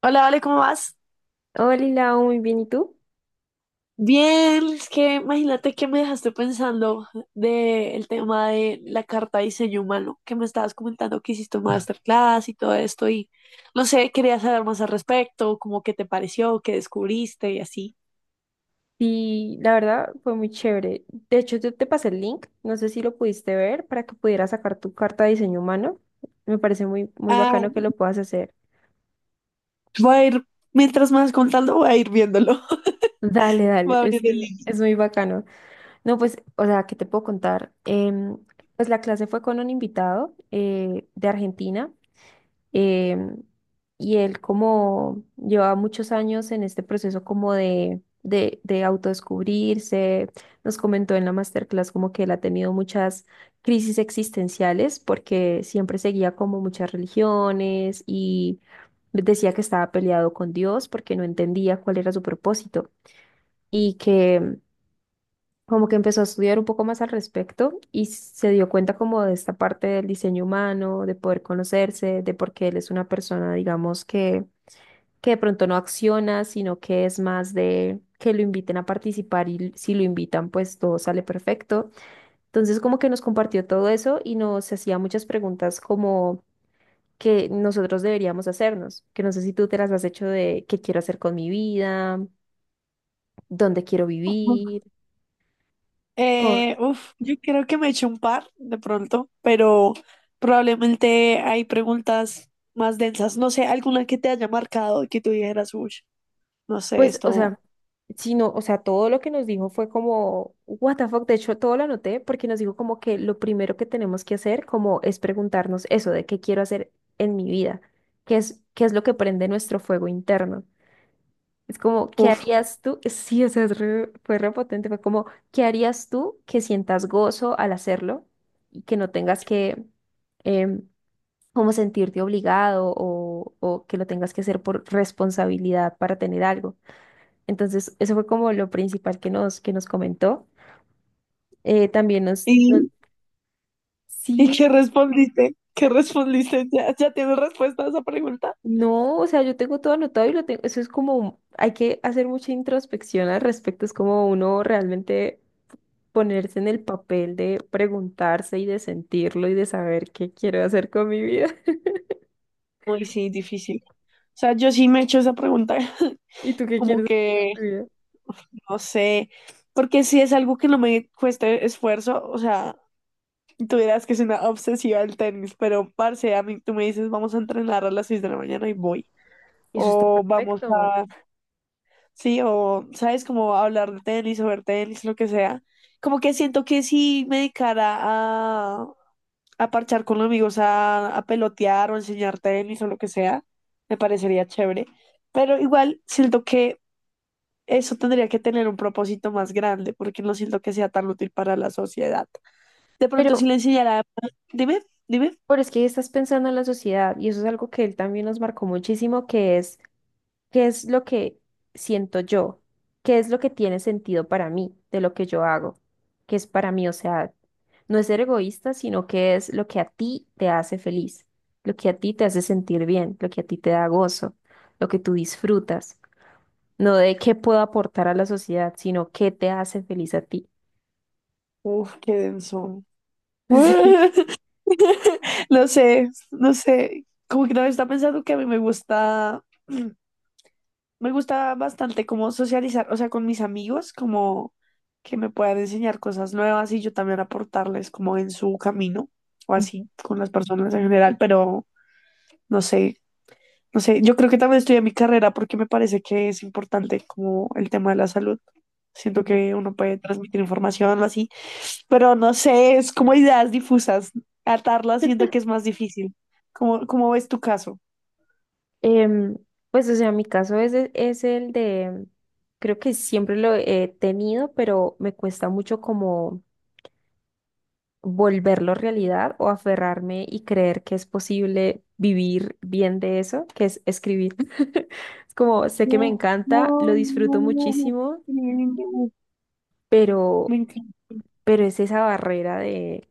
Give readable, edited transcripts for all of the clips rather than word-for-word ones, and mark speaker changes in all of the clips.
Speaker 1: Hola, Vale, ¿cómo vas?
Speaker 2: Hola, Lau, muy bien, ¿y tú?
Speaker 1: Bien, es que imagínate que me dejaste pensando del tema de la carta de diseño humano, que me estabas comentando que hiciste un masterclass y todo esto, y no sé, quería saber más al respecto, como qué te pareció, qué descubriste y así.
Speaker 2: Sí, la verdad fue muy chévere. De hecho, yo te pasé el link, no sé si lo pudiste ver, para que pudieras sacar tu carta de diseño humano. Me parece muy, muy
Speaker 1: Ah,
Speaker 2: bacano que lo puedas hacer.
Speaker 1: voy a ir, mientras me vas contando, voy a ir viéndolo.
Speaker 2: Dale,
Speaker 1: Voy
Speaker 2: dale,
Speaker 1: a abrir
Speaker 2: es, que
Speaker 1: el link.
Speaker 2: es muy bacano. No, pues, o sea, ¿qué te puedo contar? Pues la clase fue con un invitado de Argentina. Em, y él como lleva muchos años en este proceso como de autodescubrirse, nos comentó en la masterclass como que él ha tenido muchas crisis existenciales porque siempre seguía como muchas religiones y decía que estaba peleado con Dios porque no entendía cuál era su propósito y que como que empezó a estudiar un poco más al respecto y se dio cuenta como de esta parte del diseño humano, de poder conocerse, de por qué él es una persona, digamos, que de pronto no acciona, sino que es más de que lo inviten a participar y si lo invitan, pues todo sale perfecto. Entonces como que nos compartió todo eso y nos hacía muchas preguntas como que nosotros deberíamos hacernos, que no sé si tú te las has hecho, de qué quiero hacer con mi vida, dónde quiero vivir.
Speaker 1: Yo creo que me eché un par de pronto, pero probablemente hay preguntas más densas. No sé, alguna que te haya marcado y que tú dijeras, uy, no sé,
Speaker 2: Pues, o
Speaker 1: esto,
Speaker 2: sea, sino, o sea, todo lo que nos dijo fue como, what the fuck, de hecho, todo lo anoté porque nos dijo como que lo primero que tenemos que hacer como es preguntarnos eso de qué quiero hacer en mi vida, qué es lo que prende nuestro fuego interno. Es como, ¿qué
Speaker 1: uf.
Speaker 2: harías tú? Sí, o sea, fue repotente, fue como, ¿qué harías tú que sientas gozo al hacerlo y que no tengas que, em, como sentirte obligado o que lo tengas que hacer por responsabilidad para tener algo? Entonces, eso fue como lo principal que que nos comentó. También
Speaker 1: ¿Y, y qué
Speaker 2: sí,
Speaker 1: respondiste? ¿Qué respondiste? ¿Ya tienes respuesta a esa pregunta?
Speaker 2: no, o sea, yo tengo todo anotado y lo tengo, eso es como, hay que hacer mucha introspección al respecto, es como uno realmente ponerse en el papel de preguntarse y de sentirlo y de saber qué quiero hacer con mi vida.
Speaker 1: Uy, sí, difícil. O sea, yo sí me he hecho esa pregunta.
Speaker 2: Y tú qué
Speaker 1: Como
Speaker 2: quieres hacer con
Speaker 1: que,
Speaker 2: tu vida.
Speaker 1: uf, no sé, porque si es algo que no me cueste esfuerzo, o sea, tú dirás que es una obsesiva del tenis, pero parce, a mí tú me dices, vamos a entrenar a las 6 de la mañana y voy.
Speaker 2: Y eso está
Speaker 1: O vamos
Speaker 2: perfecto.
Speaker 1: a, sí, o sabes, como hablar de tenis o ver tenis, lo que sea. Como que siento que si me dedicara a parchar con los amigos, a pelotear o enseñar tenis o lo que sea, me parecería chévere. Pero igual siento que eso tendría que tener un propósito más grande, porque no siento que sea tan útil para la sociedad. De
Speaker 2: Pero,
Speaker 1: pronto, si le enseñara, dime, dime.
Speaker 2: pero es que estás pensando en la sociedad y eso es algo que él también nos marcó muchísimo, que es ¿qué es lo que siento yo? ¿Qué es lo que tiene sentido para mí de lo que yo hago? ¿Qué es para mí? O sea, no es ser egoísta, sino que es lo que a ti te hace feliz, lo que a ti te hace sentir bien, lo que a ti te da gozo, lo que tú disfrutas. No de qué puedo aportar a la sociedad, sino qué te hace feliz a ti.
Speaker 1: Uf, qué denso.
Speaker 2: Sí.
Speaker 1: No sé, no sé. Como que no está pensando que a mí me gusta, me gusta bastante como socializar, o sea, con mis amigos, como que me puedan enseñar cosas nuevas y yo también aportarles como en su camino o así con las personas en general, pero no sé, no sé. Yo creo que también estudié mi carrera porque me parece que es importante como el tema de la salud. Siento
Speaker 2: Ujú.
Speaker 1: que uno puede transmitir información o así. Pero no sé, es como ideas difusas. Atarlas siento que es más difícil. ¿Cómo ves tu caso?
Speaker 2: Em, pues, o sea, mi caso es el de, creo que siempre lo he tenido, pero me cuesta mucho como volverlo realidad o aferrarme y creer que es posible vivir bien de eso, que es escribir. Es como, sé que me
Speaker 1: No,
Speaker 2: encanta, lo
Speaker 1: no, no,
Speaker 2: disfruto
Speaker 1: no.
Speaker 2: muchísimo,
Speaker 1: Me
Speaker 2: pero,
Speaker 1: encanta.
Speaker 2: pero es esa barrera de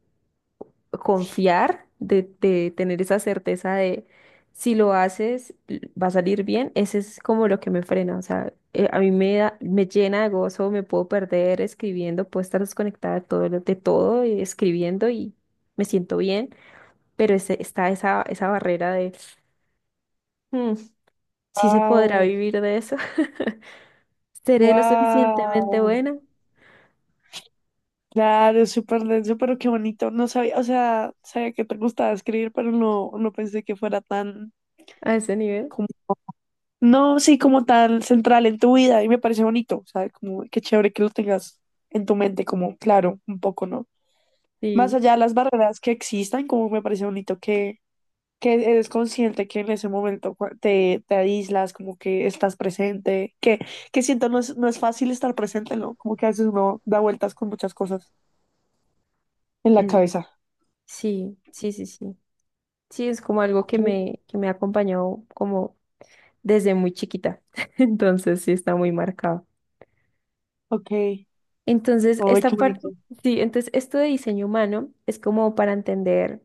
Speaker 2: confiar, de tener esa certeza de si lo haces va a salir bien, ese es como lo que me frena, o sea, a mí me llena de gozo, me puedo perder escribiendo, puedo estar desconectada de todo, de todo, escribiendo y me siento bien, pero está esa barrera de, "Mm, ¿sí se podrá
Speaker 1: Wow,
Speaker 2: vivir de eso? ¿Seré lo suficientemente
Speaker 1: wow.
Speaker 2: buena
Speaker 1: Claro, súper denso, pero qué bonito. No sabía, o sea, sabía que te gustaba escribir, pero no, no pensé que fuera tan
Speaker 2: a ese nivel?
Speaker 1: como, no, sí, como tan central en tu vida y me parece bonito, o sea, como qué chévere que lo tengas en tu mente, como claro, un poco, ¿no? Más
Speaker 2: Sí,
Speaker 1: allá de las barreras que existan, como me parece bonito que eres consciente que en ese momento cua- te aíslas, como que estás presente, que siento no es, no es fácil estar presente, ¿no? Como que a veces uno da vueltas con muchas cosas en la
Speaker 2: es,
Speaker 1: cabeza.
Speaker 2: sí. Sí, es como algo
Speaker 1: Ok,
Speaker 2: que que me ha acompañado como desde muy chiquita. Entonces, sí, está muy marcado.
Speaker 1: ok, ay,
Speaker 2: Entonces,
Speaker 1: qué
Speaker 2: esta parte,
Speaker 1: bonito.
Speaker 2: sí, entonces esto de diseño humano es como para entender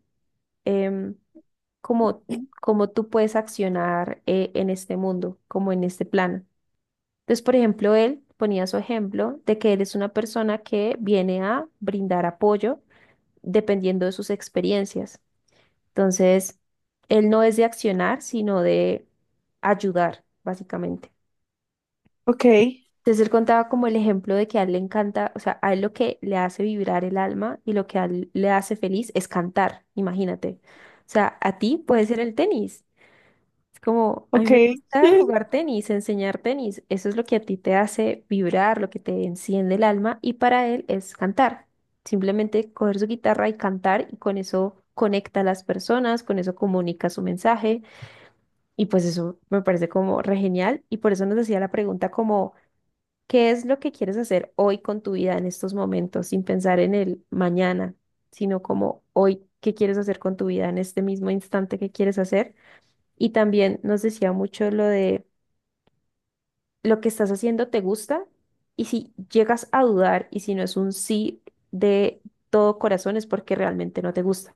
Speaker 2: em, cómo, cómo tú puedes accionar en este mundo, como en este plano. Entonces, por ejemplo, él ponía su ejemplo de que él es una persona que viene a brindar apoyo dependiendo de sus experiencias. Entonces, él no es de accionar, sino de ayudar, básicamente.
Speaker 1: Ok,
Speaker 2: Entonces, él contaba como el ejemplo de que a él le encanta, o sea, a él lo que le hace vibrar el alma y lo que a él le hace feliz es cantar, imagínate. O sea, a ti puede ser el tenis. Es como, a mí
Speaker 1: ok,
Speaker 2: me gusta jugar tenis, enseñar tenis. Eso es lo que a ti te hace vibrar, lo que te enciende el alma. Y para él es cantar. Simplemente coger su guitarra y cantar y con eso conecta a las personas, con eso comunica su mensaje. Y pues eso me parece como re genial. Y por eso nos hacía la pregunta como, ¿qué es lo que quieres hacer hoy con tu vida en estos momentos, sin pensar en el mañana, sino como hoy? ¿Qué quieres hacer con tu vida en este mismo instante que quieres hacer? Y también nos decía mucho lo de lo que estás haciendo te gusta, y si llegas a dudar y si no es un sí de todo corazón es porque realmente no te gusta.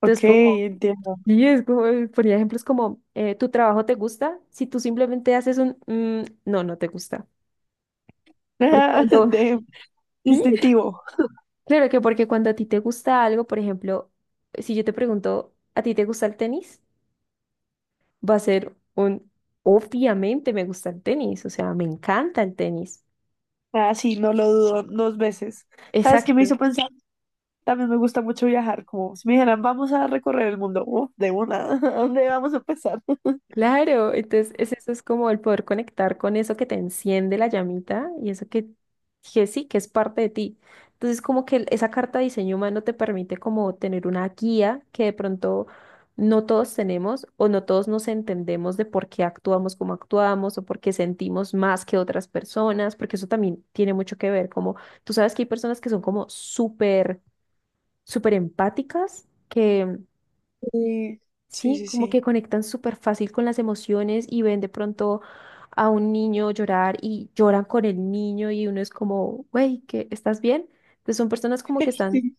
Speaker 1: ok,
Speaker 2: Entonces, como,
Speaker 1: entiendo.
Speaker 2: y es como, ponía ejemplos como, tu trabajo te gusta, si tú simplemente haces un, "Mm, no", no te gusta. Porque cuando,
Speaker 1: De
Speaker 2: sí,
Speaker 1: instintivo.
Speaker 2: claro que porque cuando a ti te gusta algo, por ejemplo, si yo te pregunto, ¿a ti te gusta el tenis? Va a ser un, obviamente me gusta el tenis, o sea, me encanta el tenis.
Speaker 1: Ah, sí, no lo dudo dos veces. ¿Sabes qué me
Speaker 2: Exacto.
Speaker 1: hizo pensar? También me gusta mucho viajar, como si me dijeran, vamos a recorrer el mundo, uf, de una. ¿A dónde vamos a empezar?
Speaker 2: Claro, entonces es, eso es como el poder conectar con eso que te enciende la llamita y eso que sí, que es parte de ti. Entonces como que esa carta de diseño humano te permite como tener una guía que de pronto no todos tenemos o no todos nos entendemos de por qué actuamos como actuamos o por qué sentimos más que otras personas, porque eso también tiene mucho que ver, como tú sabes que hay personas que son como súper, súper empáticas.
Speaker 1: Sí, sí,
Speaker 2: Sí,
Speaker 1: sí,
Speaker 2: como que
Speaker 1: sí.
Speaker 2: conectan súper fácil con las emociones y ven de pronto a un niño llorar y lloran con el niño y uno es como, güey, ¿qué? ¿Estás bien? Entonces son personas como que están.
Speaker 1: Sí.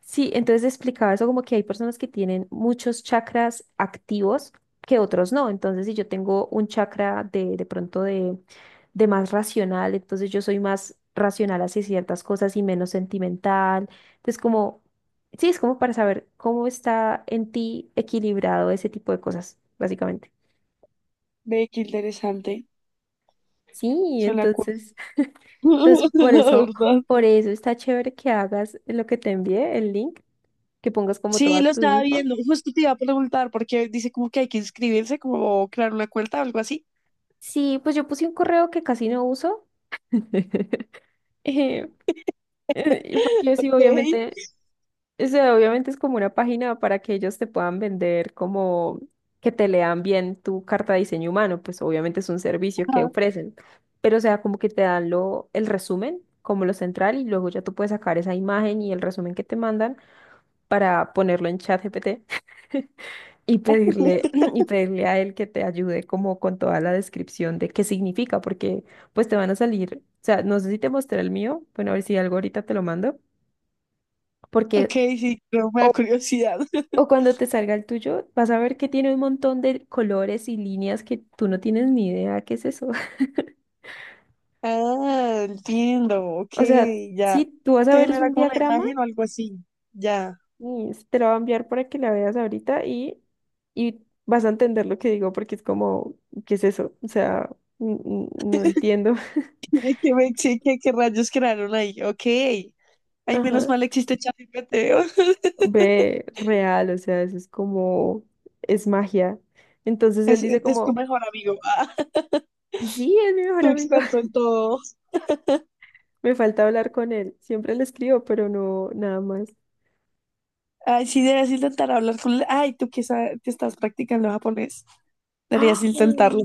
Speaker 2: Sí, entonces explicaba eso como que hay personas que tienen muchos chakras activos que otros no. Entonces, si yo tengo un chakra de pronto de más racional, entonces yo soy más racional hacia ciertas cosas y menos sentimental. Entonces, como, sí, es como para saber cómo está en ti equilibrado ese tipo de cosas, básicamente.
Speaker 1: Ve qué interesante,
Speaker 2: Sí,
Speaker 1: suena cool,
Speaker 2: entonces, entonces
Speaker 1: la verdad.
Speaker 2: por eso está chévere que hagas lo que te envié, el link, que pongas como
Speaker 1: Sí,
Speaker 2: toda
Speaker 1: lo
Speaker 2: tu
Speaker 1: estaba
Speaker 2: info.
Speaker 1: viendo, justo te iba a preguntar, porque dice como que hay que inscribirse, como crear una cuenta o algo así.
Speaker 2: Sí, pues yo puse un correo que casi no uso, eh, porque sí,
Speaker 1: Ok,
Speaker 2: obviamente, o sea, obviamente es como una página para que ellos te puedan vender como que te lean bien tu carta de diseño humano, pues obviamente es un servicio que
Speaker 1: ajá.
Speaker 2: ofrecen, pero o sea, como que te dan lo, el resumen, como lo central, y luego ya tú puedes sacar esa imagen y el resumen que te mandan para ponerlo en ChatGPT. Y pedirle, y pedirle a él que te ayude como con toda la descripción de qué significa, porque pues te van a salir, o sea, no sé si te mostré el mío, bueno, a ver si algo ahorita te lo mando, porque
Speaker 1: Ok, sí, pero me
Speaker 2: o,
Speaker 1: da curiosidad.
Speaker 2: o cuando te salga el tuyo, vas a ver que tiene un montón de colores y líneas que tú no tienes ni idea qué es eso.
Speaker 1: Ah, entiendo, ok,
Speaker 2: O sea,
Speaker 1: ya.
Speaker 2: sí, tú vas a
Speaker 1: Te
Speaker 2: ver es
Speaker 1: genera
Speaker 2: un
Speaker 1: como la
Speaker 2: diagrama
Speaker 1: imagen o algo así, ya.
Speaker 2: y te lo voy a enviar para que la veas ahorita y vas a entender lo que digo porque es como, ¿qué es eso? O sea, no entiendo.
Speaker 1: Ay, ¿qué, me- sí, qué, qué rayos crearon ahí? Ok. Ay, menos
Speaker 2: Ajá.
Speaker 1: mal existe ChatGPT.
Speaker 2: Ve real, o sea, eso es como, es magia. Entonces él dice
Speaker 1: Es tu
Speaker 2: como,
Speaker 1: mejor amigo, ah,
Speaker 2: sí, es mi mejor
Speaker 1: tu
Speaker 2: amigo.
Speaker 1: experto en todo.
Speaker 2: Me falta hablar con él. Siempre le escribo, pero no, nada más.
Speaker 1: Ay, sí, deberías intentar hablar con él. Ay, tú que, sa- que estás practicando japonés, deberías
Speaker 2: ¡Ah!
Speaker 1: intentarlo.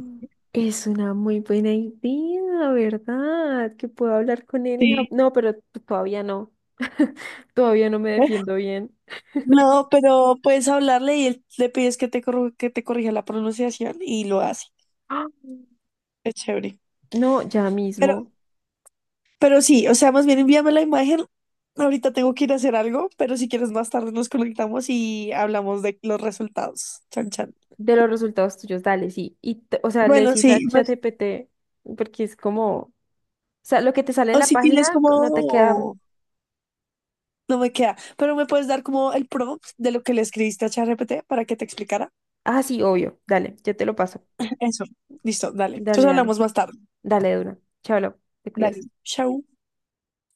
Speaker 2: Es una muy buena idea, ¿verdad? Que puedo hablar con él en Japón.
Speaker 1: Sí.
Speaker 2: No, pero todavía no. Todavía no me defiendo bien.
Speaker 1: No, pero puedes hablarle y él- le pides que te, corru- que te corrija la pronunciación y lo hace.
Speaker 2: ¡Ah!
Speaker 1: Es chévere.
Speaker 2: No, ya
Speaker 1: pero
Speaker 2: mismo.
Speaker 1: Pero sí, o sea, más bien envíame la imagen. Ahorita tengo que ir a hacer algo, pero si quieres más tarde nos conectamos y hablamos de los resultados. Chan, chan.
Speaker 2: De los resultados tuyos, dale, sí. Y, o sea, le
Speaker 1: Bueno,
Speaker 2: decís a
Speaker 1: sí, me-
Speaker 2: ChatGPT, porque es como... O sea, lo que te sale en
Speaker 1: o
Speaker 2: la
Speaker 1: si tienes
Speaker 2: página no te queda.
Speaker 1: como... No me queda, pero me puedes dar como el prompt de lo que le escribiste a ChatGPT para que te explicara.
Speaker 2: Ah, sí, obvio. Dale, yo te lo paso.
Speaker 1: Eso, listo, dale.
Speaker 2: Dale,
Speaker 1: Entonces
Speaker 2: dale.
Speaker 1: hablamos más tarde.
Speaker 2: Dale, duro. Chao, Lau, te
Speaker 1: Dale,
Speaker 2: cuidas.
Speaker 1: chao.